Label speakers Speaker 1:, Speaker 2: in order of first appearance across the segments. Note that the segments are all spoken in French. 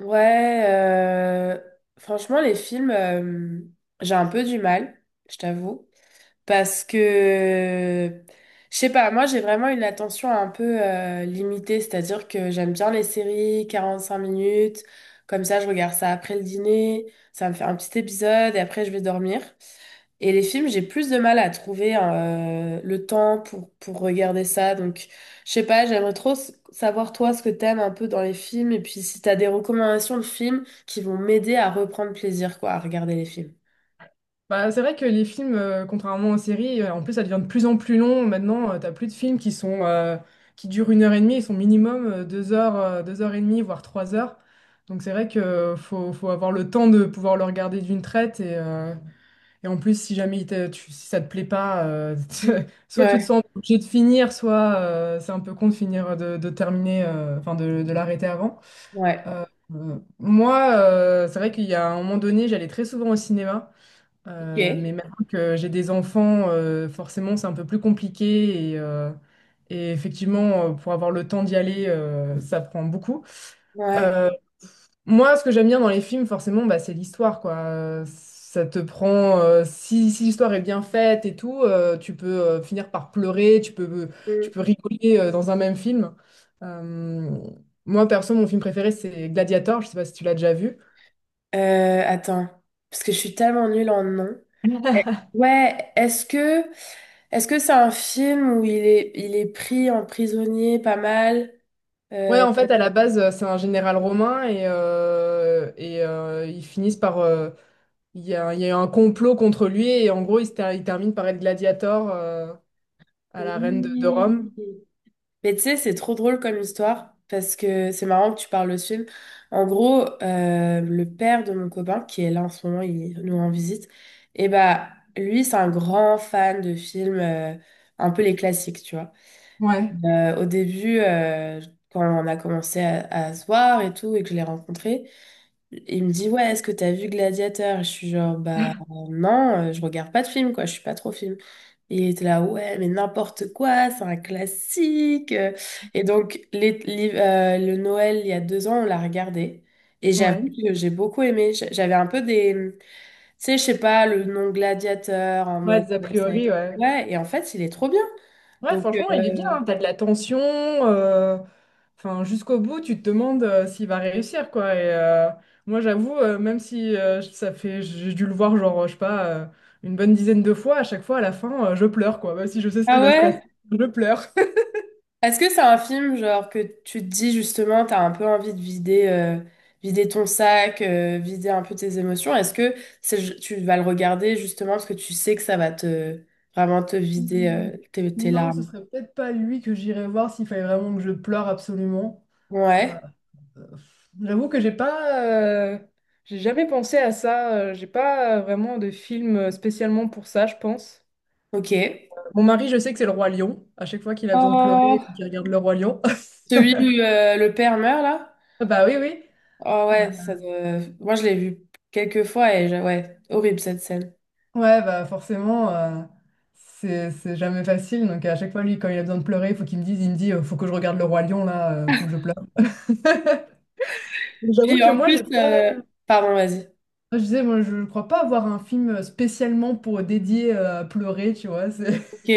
Speaker 1: Ouais, franchement, les films, j'ai un peu du mal, je t'avoue. Parce que, je sais pas, moi j'ai vraiment une attention un peu limitée, c'est-à-dire que j'aime bien les séries, 45 minutes, comme ça je regarde ça après le dîner, ça me fait un petit épisode et après je vais dormir. Et les films, j'ai plus de mal à trouver le temps pour regarder ça. Donc, je sais pas, j'aimerais trop savoir toi ce que t'aimes un peu dans les films et puis si t'as des recommandations de films qui vont m'aider à reprendre plaisir, quoi, à regarder les films.
Speaker 2: Bah, c'est vrai que les films, contrairement aux séries, en plus ça devient de plus en plus long. Maintenant, t'as plus de films qui sont qui durent 1 heure et demie, ils sont minimum 2 heures, 2 heures et demie, voire 3 heures. Donc c'est vrai que faut avoir le temps de pouvoir le regarder d'une traite et en plus si jamais si ça te plaît pas, soit tu te
Speaker 1: Ouais.
Speaker 2: sens obligé de finir, soit c'est un peu con de finir de terminer, enfin de l'arrêter avant.
Speaker 1: Ouais.
Speaker 2: Euh, Moi, c'est vrai qu'il y a un moment donné, j'allais très souvent au cinéma.
Speaker 1: Ok.
Speaker 2: Mais maintenant que j'ai des enfants, forcément, c'est un peu plus compliqué. Et effectivement, pour avoir le temps d'y aller, ça prend beaucoup.
Speaker 1: Ouais.
Speaker 2: Euh, Moi, ce que j'aime bien dans les films, forcément, bah, c'est l'histoire, quoi. Ça te prend, si l'histoire est bien faite et tout, tu peux finir par pleurer, tu peux, tu
Speaker 1: Mm.
Speaker 2: peux rigoler dans un même film. Euh, Moi, perso, mon film préféré, c'est Gladiator. Je sais pas si tu l'as déjà vu.
Speaker 1: Attends, parce que je suis tellement nulle en nom. Eh, ouais, est-ce que c'est un film où il est pris en prisonnier pas mal?
Speaker 2: Ouais,
Speaker 1: Euh,
Speaker 2: en fait, à la base, c'est un général romain et ils finissent par, il y a, il y a eu un complot contre lui et en gros, il termine par être gladiateur à la reine de
Speaker 1: oui.
Speaker 2: Rome.
Speaker 1: Mais tu sais, c'est trop drôle comme histoire parce que c'est marrant que tu parles de ce film. En gros, le père de mon copain qui est là en ce moment, il nous rend visite. Et bah lui, c'est un grand fan de films, un peu les classiques, tu vois.
Speaker 2: Ouais.
Speaker 1: Au début, quand on a commencé à se voir et tout, et que je l'ai rencontré, il me dit, ouais, est-ce que t'as vu Gladiateur? Je suis genre, bah non, je regarde pas de film, quoi, je suis pas trop film. Et il était là, ouais, mais n'importe quoi, c'est un classique. Et donc, le Noël, il y a 2 ans, on l'a regardé. Et j'avoue
Speaker 2: Ouais.
Speaker 1: que j'ai beaucoup aimé. J'avais un peu des, tu sais, je sais pas, le nom Gladiateur en
Speaker 2: Ouais,
Speaker 1: mode,
Speaker 2: des a
Speaker 1: ouais,
Speaker 2: priori, ouais.
Speaker 1: ouais, et en fait, il est trop bien.
Speaker 2: Ouais,
Speaker 1: Donc,
Speaker 2: franchement, il est bien, hein. T'as de la tension. Enfin, jusqu'au bout, tu te demandes s'il va réussir, quoi. Moi, j'avoue, même si ça fait, j'ai dû le voir, genre, je sais pas, une bonne dizaine de fois, à chaque fois, à la fin, je pleure, quoi. Même si je sais ce
Speaker 1: ah
Speaker 2: qui va se passer,
Speaker 1: ouais?
Speaker 2: je pleure.
Speaker 1: Est-ce que c'est un film genre que tu te dis justement, t'as un peu envie de vider, vider ton sac, vider un peu tes émotions? Est-ce que tu vas le regarder justement parce que tu sais que ça va te vraiment te vider,
Speaker 2: Mm,
Speaker 1: tes, tes
Speaker 2: non, ce
Speaker 1: larmes?
Speaker 2: serait peut-être pas lui que j'irais voir s'il fallait vraiment que je pleure absolument. Euh,
Speaker 1: Ouais,
Speaker 2: euh, J'avoue que j'ai pas, j'ai jamais pensé à ça. J'ai pas vraiment de film spécialement pour ça, je pense.
Speaker 1: ok.
Speaker 2: Mon mari, je sais que c'est Le Roi Lion. À chaque fois qu'il a besoin de pleurer,
Speaker 1: Oh,
Speaker 2: il regarde Le Roi Lion.
Speaker 1: celui où le père meurt là?
Speaker 2: Bah oui, oui.
Speaker 1: Oh
Speaker 2: Euh,
Speaker 1: ouais, moi je l'ai vu quelques fois et ouais, horrible cette scène.
Speaker 2: ouais, bah forcément, c'est jamais facile. Donc à chaque fois, lui, quand il a besoin de pleurer, il faut qu'il me dise, il me dit, faut que je regarde Le Roi Lion, là, faut que je pleure. Mais j'avoue
Speaker 1: Puis
Speaker 2: que
Speaker 1: en
Speaker 2: moi,
Speaker 1: plus,
Speaker 2: j'ai pas.
Speaker 1: pardon, vas-y.
Speaker 2: Je disais, moi, je crois pas avoir un film spécialement pour dédié à pleurer, tu vois. C'est,
Speaker 1: Ok,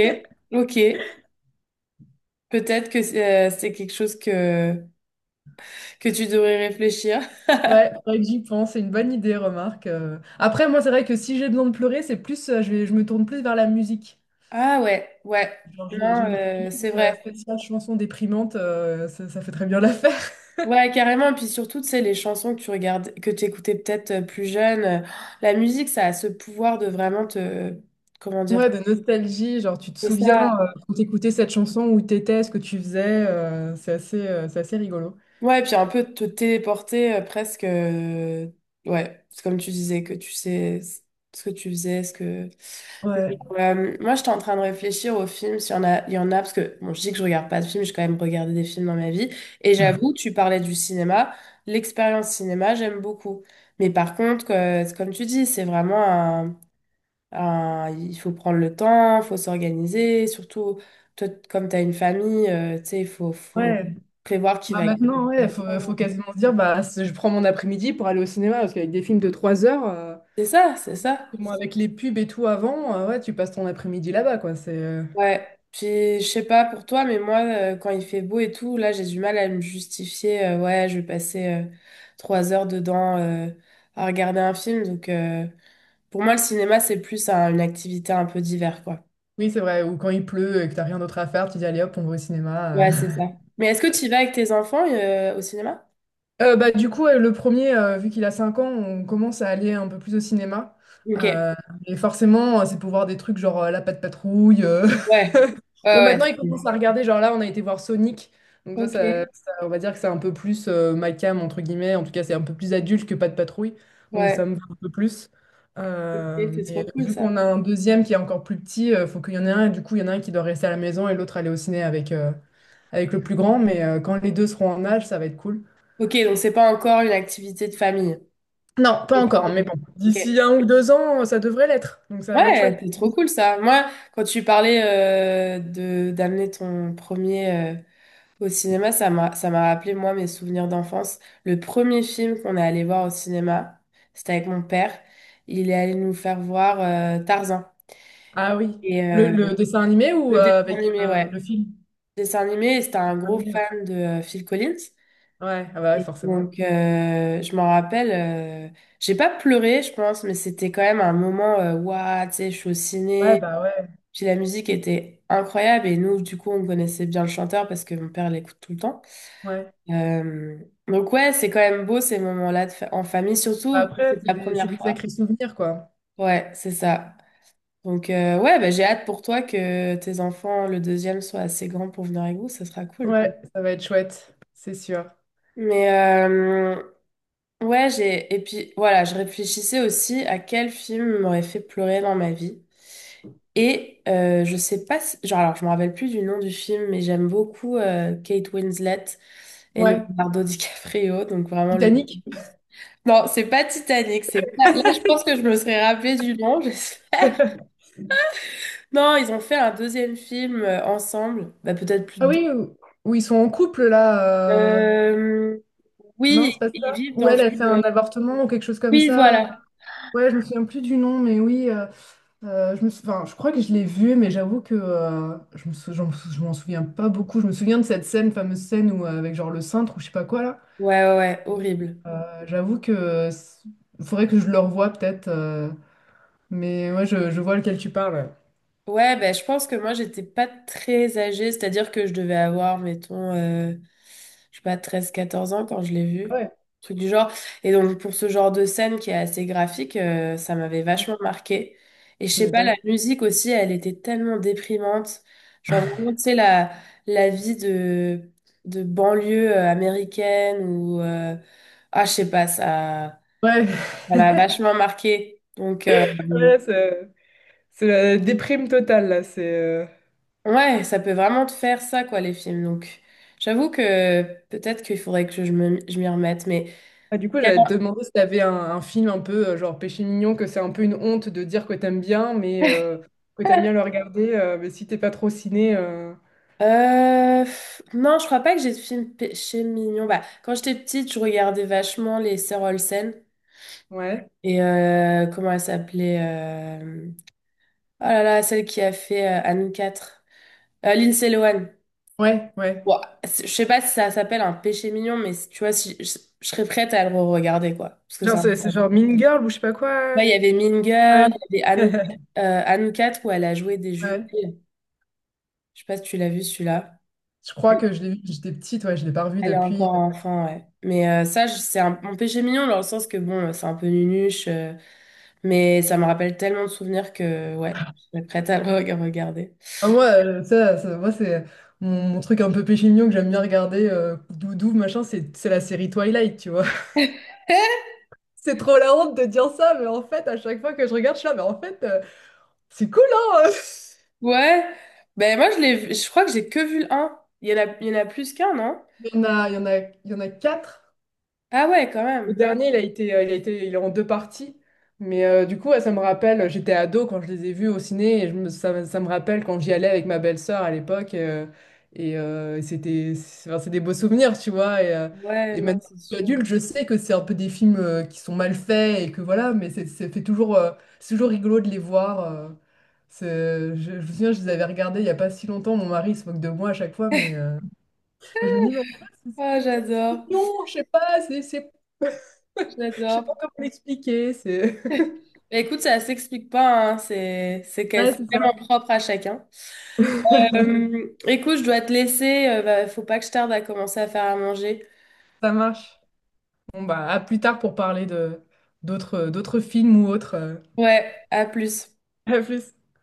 Speaker 1: ok. Peut-être que c'est quelque chose que tu devrais réfléchir.
Speaker 2: ouais, faudrait que j'y pense. C'est une bonne idée, remarque. Après, moi, c'est vrai que si j'ai besoin de pleurer, c'est plus, je vais, je me tourne plus vers la musique.
Speaker 1: Ah ouais, ouais.
Speaker 2: Genre, j'ai
Speaker 1: Non,
Speaker 2: une
Speaker 1: c'est
Speaker 2: playlist
Speaker 1: vrai.
Speaker 2: spéciale chansons déprimantes, ça fait très bien l'affaire.
Speaker 1: Ouais, carrément. Puis surtout, tu sais, les chansons que tu regardes, que tu écoutais peut-être plus jeune, la musique, ça a ce pouvoir de vraiment te, comment dire,
Speaker 2: Ouais, de nostalgie, genre tu te
Speaker 1: et
Speaker 2: souviens
Speaker 1: ça.
Speaker 2: quand t'écoutais cette chanson, où t'étais, ce que tu faisais, c'est assez rigolo.
Speaker 1: Ouais, puis un peu te téléporter presque. Ouais, c'est comme tu disais, que tu sais ce que tu faisais, ce que. Mais,
Speaker 2: Ouais.
Speaker 1: moi, j'étais en train de réfléchir aux films, s'il y en a, il y en a, parce que bon, je dis que je regarde pas de films, j'ai quand même regardé des films dans ma vie. Et j'avoue, tu parlais du cinéma, l'expérience cinéma, j'aime beaucoup. Mais par contre, c'est comme tu dis, c'est vraiment il faut prendre le temps, il faut s'organiser. Surtout, toi, comme tu as une famille, tu sais, faut
Speaker 2: Ouais,
Speaker 1: prévoir qui
Speaker 2: bah
Speaker 1: va gagner.
Speaker 2: maintenant, ouais, faut quasiment se dire, bah, je prends mon après-midi pour aller au cinéma, parce qu'avec des films de 3 heures,
Speaker 1: C'est ça, c'est ça.
Speaker 2: moi, avec les pubs et tout avant, ouais, tu passes ton après-midi là-bas, quoi.
Speaker 1: Ouais. Puis, je sais pas pour toi, mais moi, quand il fait beau et tout, là, j'ai du mal à me justifier. Ouais, je vais passer 3 heures dedans à regarder un film. Donc, pour moi, le cinéma, c'est plus une activité un peu d'hiver, quoi.
Speaker 2: Oui, c'est vrai, ou quand il pleut et que t'as rien d'autre à faire, tu dis, allez hop, on va au cinéma.
Speaker 1: Ouais, c'est ça. Mais est-ce que tu y vas avec tes enfants au cinéma?
Speaker 2: Bah, du coup, ouais, le premier, vu qu'il a 5 ans, on commence à aller un peu plus au cinéma.
Speaker 1: Ok.
Speaker 2: Euh, et forcément, c'est pour voir des trucs genre La Patte Patrouille.
Speaker 1: Ouais.
Speaker 2: Bon,
Speaker 1: Ouais,
Speaker 2: maintenant, il commence
Speaker 1: ouais.
Speaker 2: à regarder. Genre là, on a été voir Sonic. Donc
Speaker 1: Ok,
Speaker 2: on va dire que c'est un peu plus ma cam, entre guillemets. En tout cas, c'est un peu plus adulte que Patte Patrouille. Donc ça
Speaker 1: ouais,
Speaker 2: me va un peu plus.
Speaker 1: ok, c'est
Speaker 2: Mais
Speaker 1: trop cool
Speaker 2: vu
Speaker 1: ça.
Speaker 2: qu'on a un deuxième qui est encore plus petit, faut qu'il y en ait un. Et du coup, il y en a un qui doit rester à la maison et l'autre aller au ciné avec le plus grand. Mais quand les deux seront en âge, ça va être cool.
Speaker 1: Ok, donc c'est pas encore une activité de famille.
Speaker 2: Non, pas
Speaker 1: Ok,
Speaker 2: encore, mais bon.
Speaker 1: ok.
Speaker 2: D'ici 1 ou 2 ans, ça devrait l'être. Donc ça va être
Speaker 1: Ouais,
Speaker 2: chouette.
Speaker 1: c'est trop cool ça. Moi, quand tu parlais de d'amener ton premier au cinéma, ça m'a rappelé moi mes souvenirs d'enfance. Le premier film qu'on est allé voir au cinéma, c'était avec mon père. Il est allé nous faire voir Tarzan
Speaker 2: Ah oui.
Speaker 1: et
Speaker 2: Le, le dessin animé ou
Speaker 1: le dessin
Speaker 2: avec
Speaker 1: animé, ouais.
Speaker 2: le film?
Speaker 1: Le dessin animé, et c'était un gros
Speaker 2: Animé, ouais.
Speaker 1: fan de Phil Collins.
Speaker 2: Ouais, ah bah ouais,
Speaker 1: Et
Speaker 2: forcément.
Speaker 1: donc, je m'en rappelle, j'ai pas pleuré, je pense, mais c'était quand même un moment, waouh, tu sais, je suis au
Speaker 2: Ouais,
Speaker 1: ciné.
Speaker 2: bah ouais.
Speaker 1: Puis la musique était incroyable et nous, du coup, on connaissait bien le chanteur parce que mon père l'écoute tout le temps.
Speaker 2: Ouais.
Speaker 1: Euh, donc, ouais, c'est quand même beau ces moments-là de en famille,
Speaker 2: Bah
Speaker 1: surtout que
Speaker 2: après,
Speaker 1: c'est la
Speaker 2: c'est
Speaker 1: première
Speaker 2: des
Speaker 1: fois.
Speaker 2: sacrés souvenirs, quoi.
Speaker 1: Ouais, c'est ça. Donc, ouais, bah, j'ai hâte pour toi que tes enfants, le deuxième, soient assez grands pour venir avec vous, ça sera cool.
Speaker 2: Ouais, ça va être chouette, c'est sûr.
Speaker 1: Mais ouais, j'ai et puis voilà, je réfléchissais aussi à quel film m'aurait fait pleurer dans ma vie. Et je sais pas genre alors je me rappelle plus du nom du film mais j'aime beaucoup Kate Winslet et
Speaker 2: Ouais.
Speaker 1: Leonardo DiCaprio donc vraiment le
Speaker 2: Titanic.
Speaker 1: non, c'est pas Titanic, c'est pas là je pense que je me serais rappelé du nom. Je non, ils ont fait un deuxième film ensemble, bah peut-être plus
Speaker 2: Ah
Speaker 1: de deux.
Speaker 2: oui, où ils sont en couple là.
Speaker 1: Euh,
Speaker 2: Non,
Speaker 1: oui,
Speaker 2: c'est pas
Speaker 1: ils
Speaker 2: ça.
Speaker 1: vivent
Speaker 2: Ou
Speaker 1: dans
Speaker 2: elle, elle fait
Speaker 1: une
Speaker 2: un avortement ou quelque chose comme
Speaker 1: oui,
Speaker 2: ça.
Speaker 1: voilà.
Speaker 2: Ouais, je me souviens plus du nom, mais oui. Enfin, je crois que je l'ai vu, mais j'avoue que je m'en souviens pas beaucoup. Je me souviens de cette scène, fameuse scène où, avec genre le cintre ou je sais pas quoi là.
Speaker 1: Ouais ouais, horrible.
Speaker 2: J'avoue que faudrait que je le revoie peut-être. Mais ouais, je vois lequel tu parles.
Speaker 1: Ouais, ben, je pense que moi, j'étais pas très âgée, c'est-à-dire que je devais avoir, mettons, je sais pas, 13 14 ans quand je l'ai vu,
Speaker 2: Ouais,
Speaker 1: truc du genre. Et donc, pour ce genre de scène qui est assez graphique, ça m'avait
Speaker 2: ouais,
Speaker 1: vachement marqué. Et je
Speaker 2: tu
Speaker 1: sais pas, la
Speaker 2: m'étonnes.
Speaker 1: musique aussi, elle était tellement déprimante. Genre, vraiment, tu sais, la vie de banlieue américaine ou... ah, je sais pas, ça,
Speaker 2: Ouais,
Speaker 1: ça m'a vachement marqué.
Speaker 2: ouais, c'est la déprime totale là. C'est
Speaker 1: Ouais, ça peut vraiment te faire ça, quoi, les films. Donc, j'avoue que peut-être qu'il faudrait que je me, je m'y remette. Mais
Speaker 2: Ah, du coup,
Speaker 1: il y
Speaker 2: j'allais te demander si t'avais un film un peu genre Péché mignon, que c'est un peu une honte de dire que t'aimes bien, mais que t'aimes
Speaker 1: avait
Speaker 2: bien le regarder, mais si t'es pas trop ciné.
Speaker 1: Pff, non, je crois pas que j'ai de films péché mignon. Bah, quand j'étais petite, je regardais vachement les Sœurs Olsen
Speaker 2: Ouais.
Speaker 1: et comment elle s'appelait euh, oh là là, celle qui a fait Anne 4, Lindsay Lohan.
Speaker 2: Ouais, ouais.
Speaker 1: Ouah, je sais pas si ça s'appelle un péché mignon, mais si- tu vois, si, je serais prête à le re-regarder, quoi. Parce que
Speaker 2: Genre,
Speaker 1: ça.
Speaker 2: c'est genre Mean Girl ou je sais pas quoi.
Speaker 1: Ouais, il y avait Mean Girl,
Speaker 2: Ouais.
Speaker 1: il y avait Anoukat où elle a joué des
Speaker 2: Ouais.
Speaker 1: jumelles. Je sais pas si tu l'as vu celui-là.
Speaker 2: Je crois
Speaker 1: Elle,
Speaker 2: que je l'ai vu, j'étais petite, ouais, je l'ai pas revu
Speaker 1: elle est
Speaker 2: depuis.
Speaker 1: encore enfant, ouais. Mais ça, c'est un, mon péché mignon dans le sens que bon, c'est un peu nunuche, mais ça me rappelle tellement de souvenirs que ouais, je serais prête à le regarder.
Speaker 2: Ah, moi, moi c'est mon truc un peu péché mignon que j'aime bien regarder, doudou, machin, c'est la série Twilight, tu vois. C'est trop la honte de dire ça, mais en fait, à chaque fois que je regarde, je suis là, mais en fait, c'est cool, hein?
Speaker 1: Ouais, ben moi je l'ai, je crois que j'ai que vu le un. Il y en a, il y en a plus qu'un, non?
Speaker 2: Il y en a quatre.
Speaker 1: Ah ouais, quand
Speaker 2: Le
Speaker 1: même.
Speaker 2: dernier, il est en deux parties. Mais du coup, ouais, ça me rappelle, j'étais ado quand je les ai vus au ciné, et je me- ça, me ça me rappelle quand j'y allais avec ma belle-sœur à l'époque. Et c'était, c'est Enfin, c'est des beaux souvenirs, tu vois. Et, euh,
Speaker 1: Ouais,
Speaker 2: et
Speaker 1: non,
Speaker 2: maintenant, que
Speaker 1: c'est
Speaker 2: je suis
Speaker 1: sûr.
Speaker 2: adulte, je sais que c'est un peu des films qui sont mal faits et que voilà, mais c'est ça fait toujours, c'est toujours rigolo de les voir. Je me souviens, je les avais regardés il n'y a pas si longtemps. Mon mari se moque de moi à chaque fois, mais je me dis, mais en fait, c'est
Speaker 1: Ah,
Speaker 2: c'est
Speaker 1: j'adore,
Speaker 2: mignon, je sais pas, c'est je sais pas
Speaker 1: j'adore.
Speaker 2: comment l'expliquer, c'est...
Speaker 1: Bah, écoute, ça s'explique pas, hein.
Speaker 2: Ouais,
Speaker 1: C'est
Speaker 2: c'est
Speaker 1: vraiment
Speaker 2: ça.
Speaker 1: propre à chacun. Écoute, je dois te laisser. Bah, faut pas que je tarde à commencer à faire à manger.
Speaker 2: Ça marche. Bon, bah, à plus tard pour parler de d'autres films ou autres.
Speaker 1: Ouais, à plus.
Speaker 2: À plus.